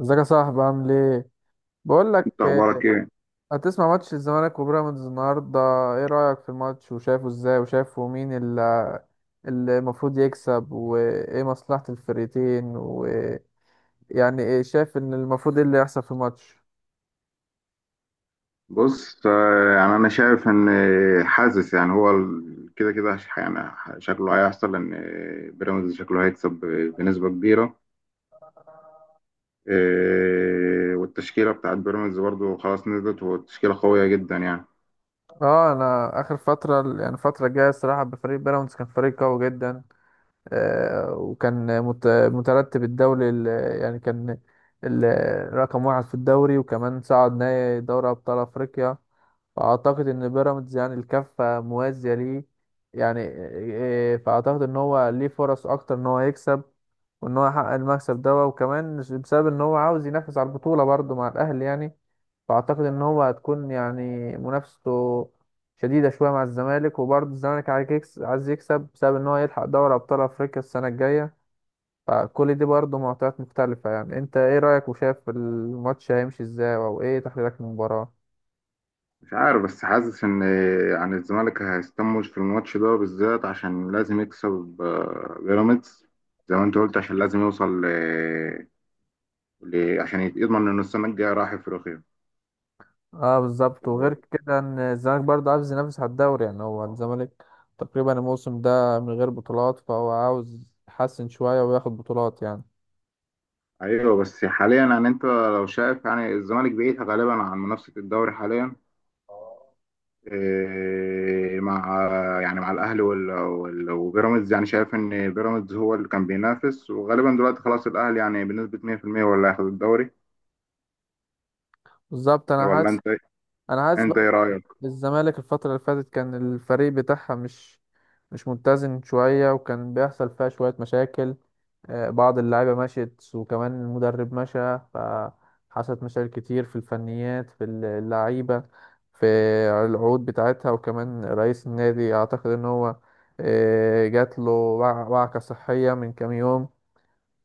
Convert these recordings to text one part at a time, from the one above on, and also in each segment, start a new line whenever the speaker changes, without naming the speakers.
ازيك يا صاحبي؟ عامل ايه؟ بقول
انت
لك،
اخبارك ايه؟
هتسمع ماتش الزمالك وبيراميدز النهارده؟ ايه رأيك في الماتش؟ وشايفه ازاي؟ وشايفه مين اللي المفروض يكسب؟ وايه مصلحة الفريقين؟ ويعني ايه شايف ان المفروض ايه اللي يحصل في الماتش؟
بص، يعني انا شايف ان حاسس يعني هو ال- كده كده ش- يعني ح- شكله هيحصل ان بيراميدز شكله هيكسب بنسبة كبيرة. والتشكيلة بتاعت بيراميدز برضو خلاص نزلت، والتشكيلة قوية جدا يعني.
اه، انا اخر فترة، يعني الفترة الجاية، الصراحة، بفريق بيراميدز كان فريق قوي جدا. آه، وكان مترتب الدوري، يعني كان رقم 1 في الدوري، وكمان صعد نهائي دوري ابطال افريقيا. فأعتقد إن بيراميدز يعني الكفة موازية ليه، يعني إيه. فأعتقد إن هو ليه فرص أكتر إن هو يكسب، وإن هو يحقق المكسب ده، وكمان بسبب إن هو عاوز ينافس على البطولة برضه مع الأهلي يعني. فأعتقد إن هو هتكون يعني منافسته شديدة شوية مع الزمالك. وبرضه الزمالك عايز عايز يكسب بسبب إن هو يلحق دوري أبطال أفريقيا السنة الجاية. فكل دي برضه معطيات مختلفة. يعني أنت إيه رأيك؟ وشايف الماتش هيمشي إزاي؟ أو إيه تحليلك للمباراة؟
مش عارف بس حاسس ان يعني الزمالك هيستموش في الماتش ده بالذات عشان لازم يكسب. بيراميدز زي ما انت قلت عشان لازم يوصل عشان يضمن انه السنة الجاية رايح افريقيا.
اه، بالظبط. وغير كده ان الزمالك برضه عاوز ينافس على الدوري، يعني هو الزمالك تقريبا الموسم ده من غير بطولات، فهو عاوز يحسن شوية وياخد بطولات يعني.
ايوه بس حاليا يعني انت لو شايف يعني الزمالك بعيد غالبا عن منافسه الدوري حاليا. إيه مع يعني مع الاهلي وبيراميدز، يعني شايف ان بيراميدز هو اللي كان بينافس، وغالبا دلوقتي خلاص الاهلي يعني بنسبه 100% ولا هياخد الدوري؟
بالظبط. انا
ولا
حاسس
انت
انا حاسس
انت
بقى
ايه رايك؟
إن الزمالك الفترة اللي فاتت كان الفريق بتاعها مش متزن شوية، وكان بيحصل فيها شوية مشاكل. بعض اللعيبة مشيت، وكمان المدرب مشى، فحصلت مشاكل كتير في الفنيات، في اللعيبة، في العقود بتاعتها. وكمان رئيس النادي أعتقد إن هو جات له وعكة صحية من كام يوم.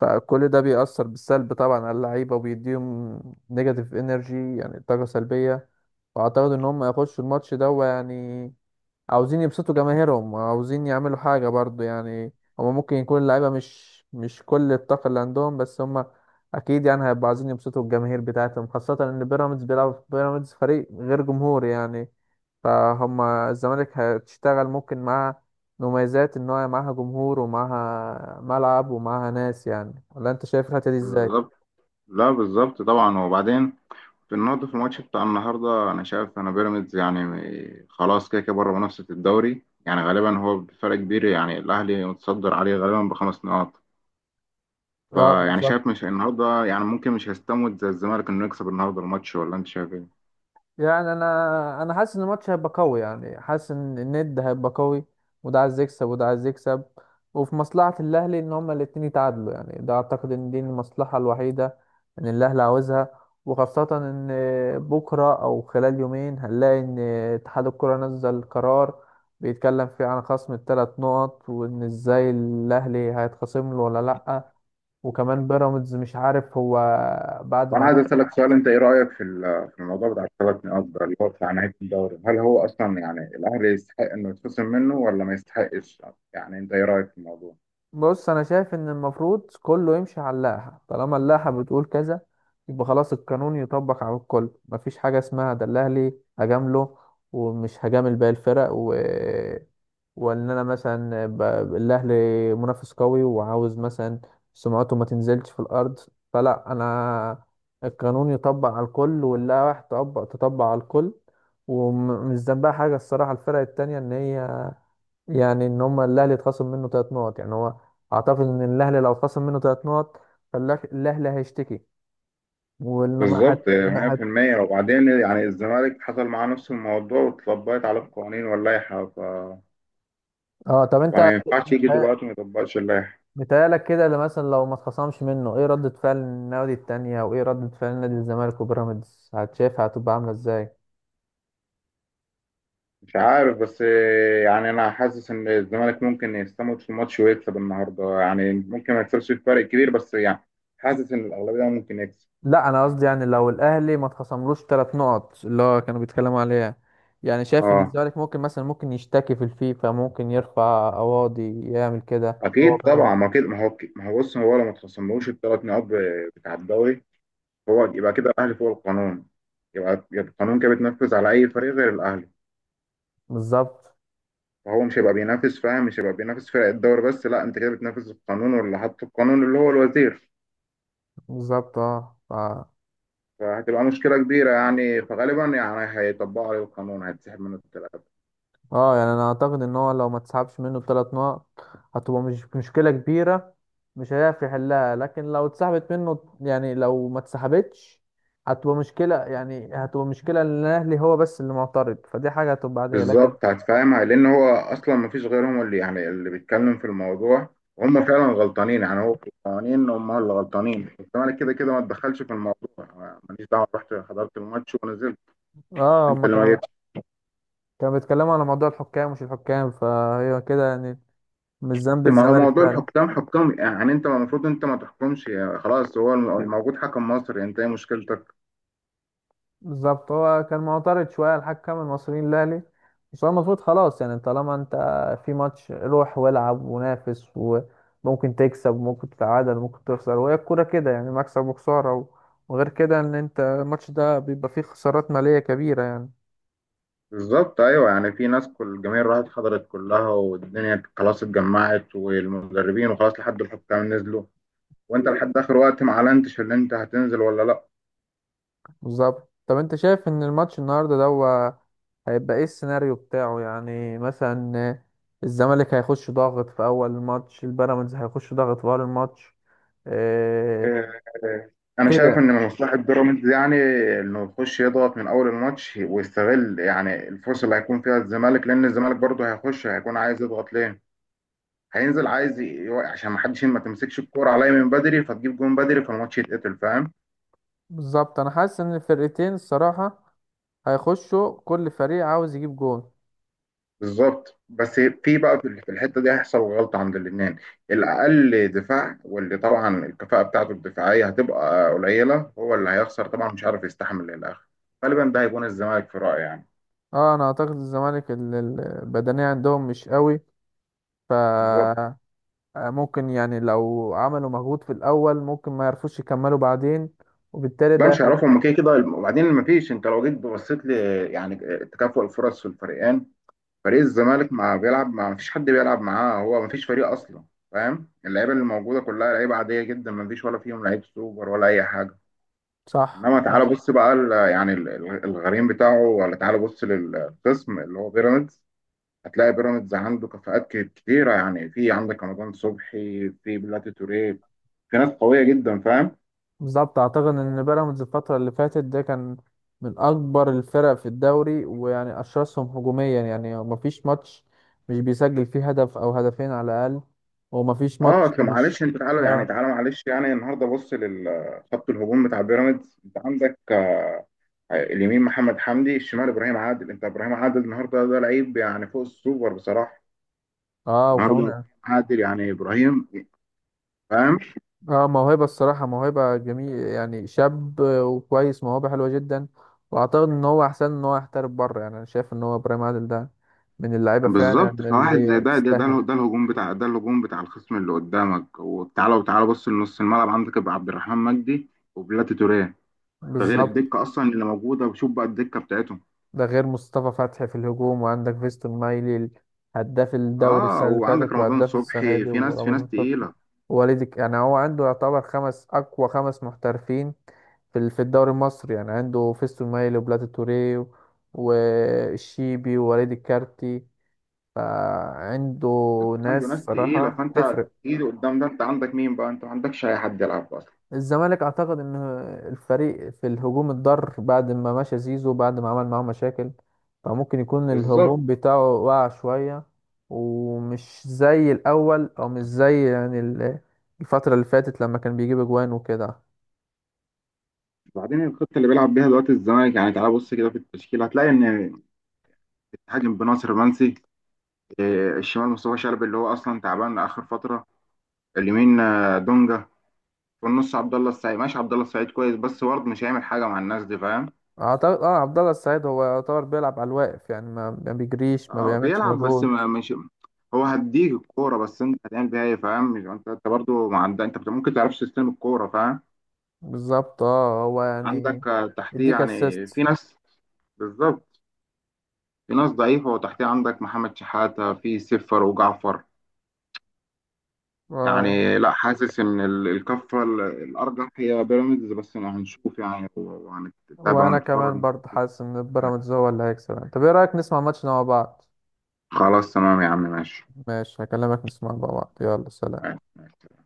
فكل ده بيأثر بالسلب طبعا على اللعيبة، وبيديهم نيجاتيف انرجي، يعني طاقة سلبية. وأعتقد إن هم هيخشوا الماتش ده، يعني عاوزين يبسطوا جماهيرهم، وعاوزين يعملوا حاجة برضو يعني. هما ممكن يكون اللعيبة مش كل الطاقة اللي عندهم، بس هما أكيد يعني هيبقوا عايزين يبسطوا الجماهير بتاعتهم، خاصة إن بيراميدز فريق غير جمهوري يعني. فهم الزمالك هتشتغل ممكن مع مميزات إن هو معاها جمهور ومعاها ملعب ومعاها ناس يعني. ولا أنت شايف الحتة دي إزاي؟
بالظبط. لا بالظبط طبعا. وبعدين في النهارده، في الماتش بتاع النهارده، انا شايف انا بيراميدز يعني خلاص كده كده بره منافسه الدوري، يعني غالبا هو بفرق كبير، يعني الاهلي متصدر عليه غالبا بخمس نقاط.
اه،
فيعني
بالظبط.
شايف مش النهارده، يعني ممكن مش هيستموت زي الزمالك انه يكسب النهارده الماتش، ولا انت شايف ايه؟
يعني انا حاسس ان الماتش هيبقى قوي، يعني حاسس ان الند هيبقى قوي، وده عايز يكسب وده عايز يكسب. وفي مصلحة الاهلي ان هما الاتنين يتعادلوا، يعني ده اعتقد ان دي المصلحة الوحيدة ان الاهلي عاوزها. وخاصة ان بكرة او خلال يومين هنلاقي ان اتحاد الكرة نزل قرار بيتكلم فيه عن خصم ال3 نقط، وان ازاي الاهلي هيتخصم له ولا لأ. وكمان بيراميدز مش عارف هو بعد ما
وانا عايز
الاهلي...
اسالك سؤال، انت ايه رايك في في الموضوع بتاع الثلاث نقاط ده، اللي هو بتاع نهايه الدوري؟ هل هو اصلا يعني الاهلي يستحق انه يتخصم منه ولا ما يستحقش؟ يعني انت ايه رايك في الموضوع؟
بص، انا شايف ان المفروض كله يمشي على اللائحه، طالما اللائحه بتقول كذا يبقى خلاص، القانون يطبق على الكل، مفيش حاجه اسمها ده الاهلي هجامله ومش هجامل باقي الفرق وان انا مثلا ب... الاهلي منافس قوي وعاوز مثلا سمعته ما تنزلش في الارض. فلا، انا القانون يطبق على الكل، واللائحه تطبق على الكل. ومش ذنبها حاجه الصراحه الفرق التانية ان هي، يعني ان هم الاهلي اتخصم منه 3 نقط، يعني هو اعتقد ان الاهلي لو اتخصم منه 3 نقط فالاهلي هيشتكي ولما هت...
بالظبط
ما هت...
100%. وبعدين يعني الزمالك حصل معاه نفس الموضوع واتطبقت عليه القوانين واللائحه،
اه، طب انت
فما ينفعش يجي دلوقتي ما يطبقش اللائحه.
متهيألك كده اللي مثلا لو ما اتخصمش منه ايه ردة فعل النادي التانية؟ وايه ردة فعل نادي الزمالك وبيراميدز؟ هتشافها هتبقى عاملة ازاي؟
مش عارف بس، يعني انا حاسس ان الزمالك ممكن يستموت في الماتش ويكسب النهارده، يعني ممكن ما يكسبش بفرق كبير بس يعني حاسس ان الاغلبيه ممكن يكسب.
لا، انا قصدي يعني لو الاهلي ما اتخصملوش 3 نقط اللي هو كانوا بيتكلموا عليها، يعني شايف ان
اه
الزمالك ممكن مثلا ممكن يشتكي في الفيفا، ممكن يرفع قواضي، يعمل كده هو
اكيد طبعا. ما
بيراميدز.
اكيد ما هو ما هو بص، هو لو ما تخصملوش الثلاث نقاط بتاع الدوري، هو يبقى كده الاهلي فوق القانون، يبقى القانون كده بتنفذ على اي فريق غير الاهلي.
بالظبط،
فهو مش هيبقى بينافس، فاهم؟ مش هيبقى بينافس فرق الدوري بس، لا انت كده بتنافس القانون واللي حط القانون اللي هو الوزير.
بالظبط. اه،
فهتبقى مشكلة كبيرة يعني، فغالبا يعني هيطبقوا عليه القانون هيتسحب منه التلاتة.
اه، يعني انا اعتقد ان هو لو ما تسحبش منه ب3 نقط هتبقى مش مشكلة كبيرة، مش هيعرف يحلها. لكن لو اتسحبت منه، يعني لو ما اتسحبتش، هتبقى مشكلة، يعني هتبقى مشكلة ان الاهلي هو بس اللي معترض، فدي حاجة هتبقى عادية. لكن...
بالظبط هتفهمها، لأن هو أصلا مفيش غيرهم اللي يعني اللي بيتكلم في الموضوع. وهم فعلا غلطانين، يعني هو في القوانين هم اللي غلطانين، الزمالك كده كده ما تدخلش في الموضوع، أنا ماليش دعوة، رحت حضرت الماتش ونزلت.
اه،
أنت
هما
اللي ما
كانوا
جيتش.
كانوا بيتكلموا على موضوع الحكام، مش الحكام، فهي كده يعني. مش ذنب
ما هو
الزمالك
موضوع
فعلا.
الحكام حكام، يعني أنت المفروض أنت ما تحكمش يعني، خلاص هو الموجود حكم مصري، أنت إيه مشكلتك؟
بالظبط. هو كان معترض شوية على الحكم المصريين الأهلي. بس هو المفروض خلاص يعني طالما أنت في ماتش روح والعب ونافس، وممكن تكسب وممكن تتعادل وممكن تخسر، وهي الكورة كده يعني، مكسب وخسارة وغير كده إن أنت الماتش ده بيبقى فيه خسارات مالية كبيرة يعني.
بالظبط ايوه، يعني في ناس كل الجماهير راحت حضرت كلها، والدنيا خلاص اتجمعت، والمدربين، وخلاص لحد الحكام نزلوا، وانت لحد اخر وقت ما اعلنتش اللي انت هتنزل ولا لا.
بالظبط. طب أنت شايف إن الماتش النهاردة ده هو هيبقى إيه السيناريو بتاعه؟ يعني مثلا الزمالك هيخش ضاغط في أول الماتش؟ البيراميدز هيخش ضاغط في أول الماتش؟ إيه
إيه، انا
كده
شايف ان
يعني.
من مصلحه بيراميدز يعني انه يخش يضغط من اول الماتش، ويستغل يعني الفرصه اللي هيكون فيها الزمالك، لان الزمالك برضه هيخش هيكون عايز يضغط ليه. هينزل عايز يوقع عشان ما حدش ما تمسكش الكوره عليا من بدري فتجيب جون بدري فالماتش يتقتل، فاهم؟
بالظبط. انا حاسس ان الفرقتين الصراحه هيخشوا كل فريق عاوز يجيب جون.
بالظبط. بس في بقى، في الحته دي هيحصل غلطه عند الاثنين. الاقل دفاع واللي طبعا الكفاءه بتاعته الدفاعيه هتبقى قليله هو اللي هيخسر طبعا، مش عارف يستحمل للاخر. غالبا ده هيكون الزمالك في رايي يعني.
اه، انا اعتقد الزمالك البدنيه عندهم مش قوي. ف
بالظبط.
ممكن يعني لو عملوا مجهود في الاول ممكن ما يعرفوش يكملوا بعدين، وبالتالي
لا
ده.
مش هيعرفوا هم كده كده. وبعدين ما فيش، انت لو جيت بصيت ل يعني تكافؤ الفرص في الفريقين، فريق الزمالك ما بيلعب، ما فيش حد بيلعب معاه، هو ما فيش فريق اصلا، فاهم؟ اللعيبه اللي موجوده كلها لعيبه عاديه جدا، ما فيش ولا فيهم لعيب سوبر ولا اي حاجه.
صح،
انما
صح.
تعالى بص بقى الغريم بتاعه، ولا تعالى بص للقسم اللي هو بيراميدز، هتلاقي بيراميدز عنده كفاءات كتيره، يعني في عندك رمضان صبحي، في بلاتي توريه، في ناس قويه جدا، فاهم؟
بالظبط. اعتقد ان بيراميدز الفتره اللي فاتت ده كان من اكبر الفرق في الدوري، ويعني اشرسهم هجوميا. يعني مفيش ماتش مش بيسجل فيه هدف او هدفين على الاقل. ومفيش
اه
ماتش
اصل
مش
معلش انت تعالى، يعني
اه،
تعالى معلش يعني، النهارده بص للخط الهجوم بتاع بيراميدز، انت عندك اليمين محمد حمدي، الشمال ابراهيم عادل، انت ابراهيم عادل النهارده ده لعيب يعني فوق السوبر بصراحه.
اه.
النهارده ابراهيم
وكمان
عادل، يعني ابراهيم، فاهم؟
اه موهبة الصراحة، موهبة جميل، يعني شاب وكويس، موهبة حلوة جدا. واعتقد ان هو احسن ان هو يحترف بره، يعني انا شايف ان هو ابراهيم عادل ده من اللعيبة فعلا
بالظبط.
اللي
فواحد زي
هي
ده ده
تستاهل.
ده, ده الهجوم بتاع، ده الهجوم بتاع الخصم اللي قدامك. وتعالى، وتعالى بص لنص الملعب، عندك يبقى عبد الرحمن مجدي وبلاتي توريه. ده غير
بالظبط.
الدكه اصلا اللي موجوده، وشوف بقى الدكه بتاعتهم.
ده غير مصطفى فتحي في الهجوم، وعندك فيستون مايلي، هداف الدوري
اه
السنة اللي
وعندك
فاتت
رمضان
وهداف السنة
صبحي،
دي،
في ناس، في
ورمضان
ناس
صبحي.
تقيله.
ووالدك يعني هو عنده يعتبر خمس أقوى 5 محترفين في في الدوري المصري، يعني عنده فيستون مايلي وبلاتي توريه والشيبي ووليد الكارتي. فعنده
شفت عنده
ناس
ناس تقيله،
صراحة
فانت
تفرق.
ايد قدام ده، انت عندك مين بقى؟ انت ما عندكش اي حد يلعب اصلا.
الزمالك اعتقد ان الفريق في الهجوم اتضر بعد ما مشى زيزو، بعد ما عمل معاه مشاكل. فممكن يكون
بالظبط.
الهجوم بتاعه وقع شوية، ومش زي الاول، او مش زي يعني الفترة اللي فاتت لما كان بيجيب اجوان وكده.
بعدين الخطه اللي بيلعب بيها دلوقتي الزمالك يعني، تعالى بص كده في التشكيل هتلاقي ان بتهاجم بناصر منسي، الشمال مصطفى شلبي اللي هو اصلا تعبان اخر فتره، اليمين دونجا، في النص عبد الله السعيد. ماشي عبد الله السعيد كويس، بس برضه مش هيعمل حاجه مع الناس دي، فاهم؟
اعتقد عبد الله السعيد هو يعتبر بيلعب على الواقف، يعني ما بيجريش، ما
اه
بيعملش
بيلعب بس
مجهود.
ما مش، هو هديك الكوره بس انت هتعمل بيها ايه، فاهم؟ انت برضه ما عندك، انت ممكن تعرفش تستلم الكوره، فاهم؟
بالظبط. اه هو يعني
عندك تحتيه
يديك
يعني
اسيست.
في ناس. بالظبط. في ناس ضعيفه، وتحتيه عندك محمد شحاته في سفر وجعفر. يعني لا، حاسس ان الكفه الارجح هي بيراميدز، بس هنشوف يعني وهنتابع
وانا كمان
ونتفرج.
برضه حاسس ان بيراميدز هو اللي هيكسب يعني. طب ايه رايك نسمع ماتشنا مع بعض؟
خلاص تمام يا عم، ماشي.
ماشي، هكلمك، نسمع مع بعض، يلا، سلام.
معاك معاك.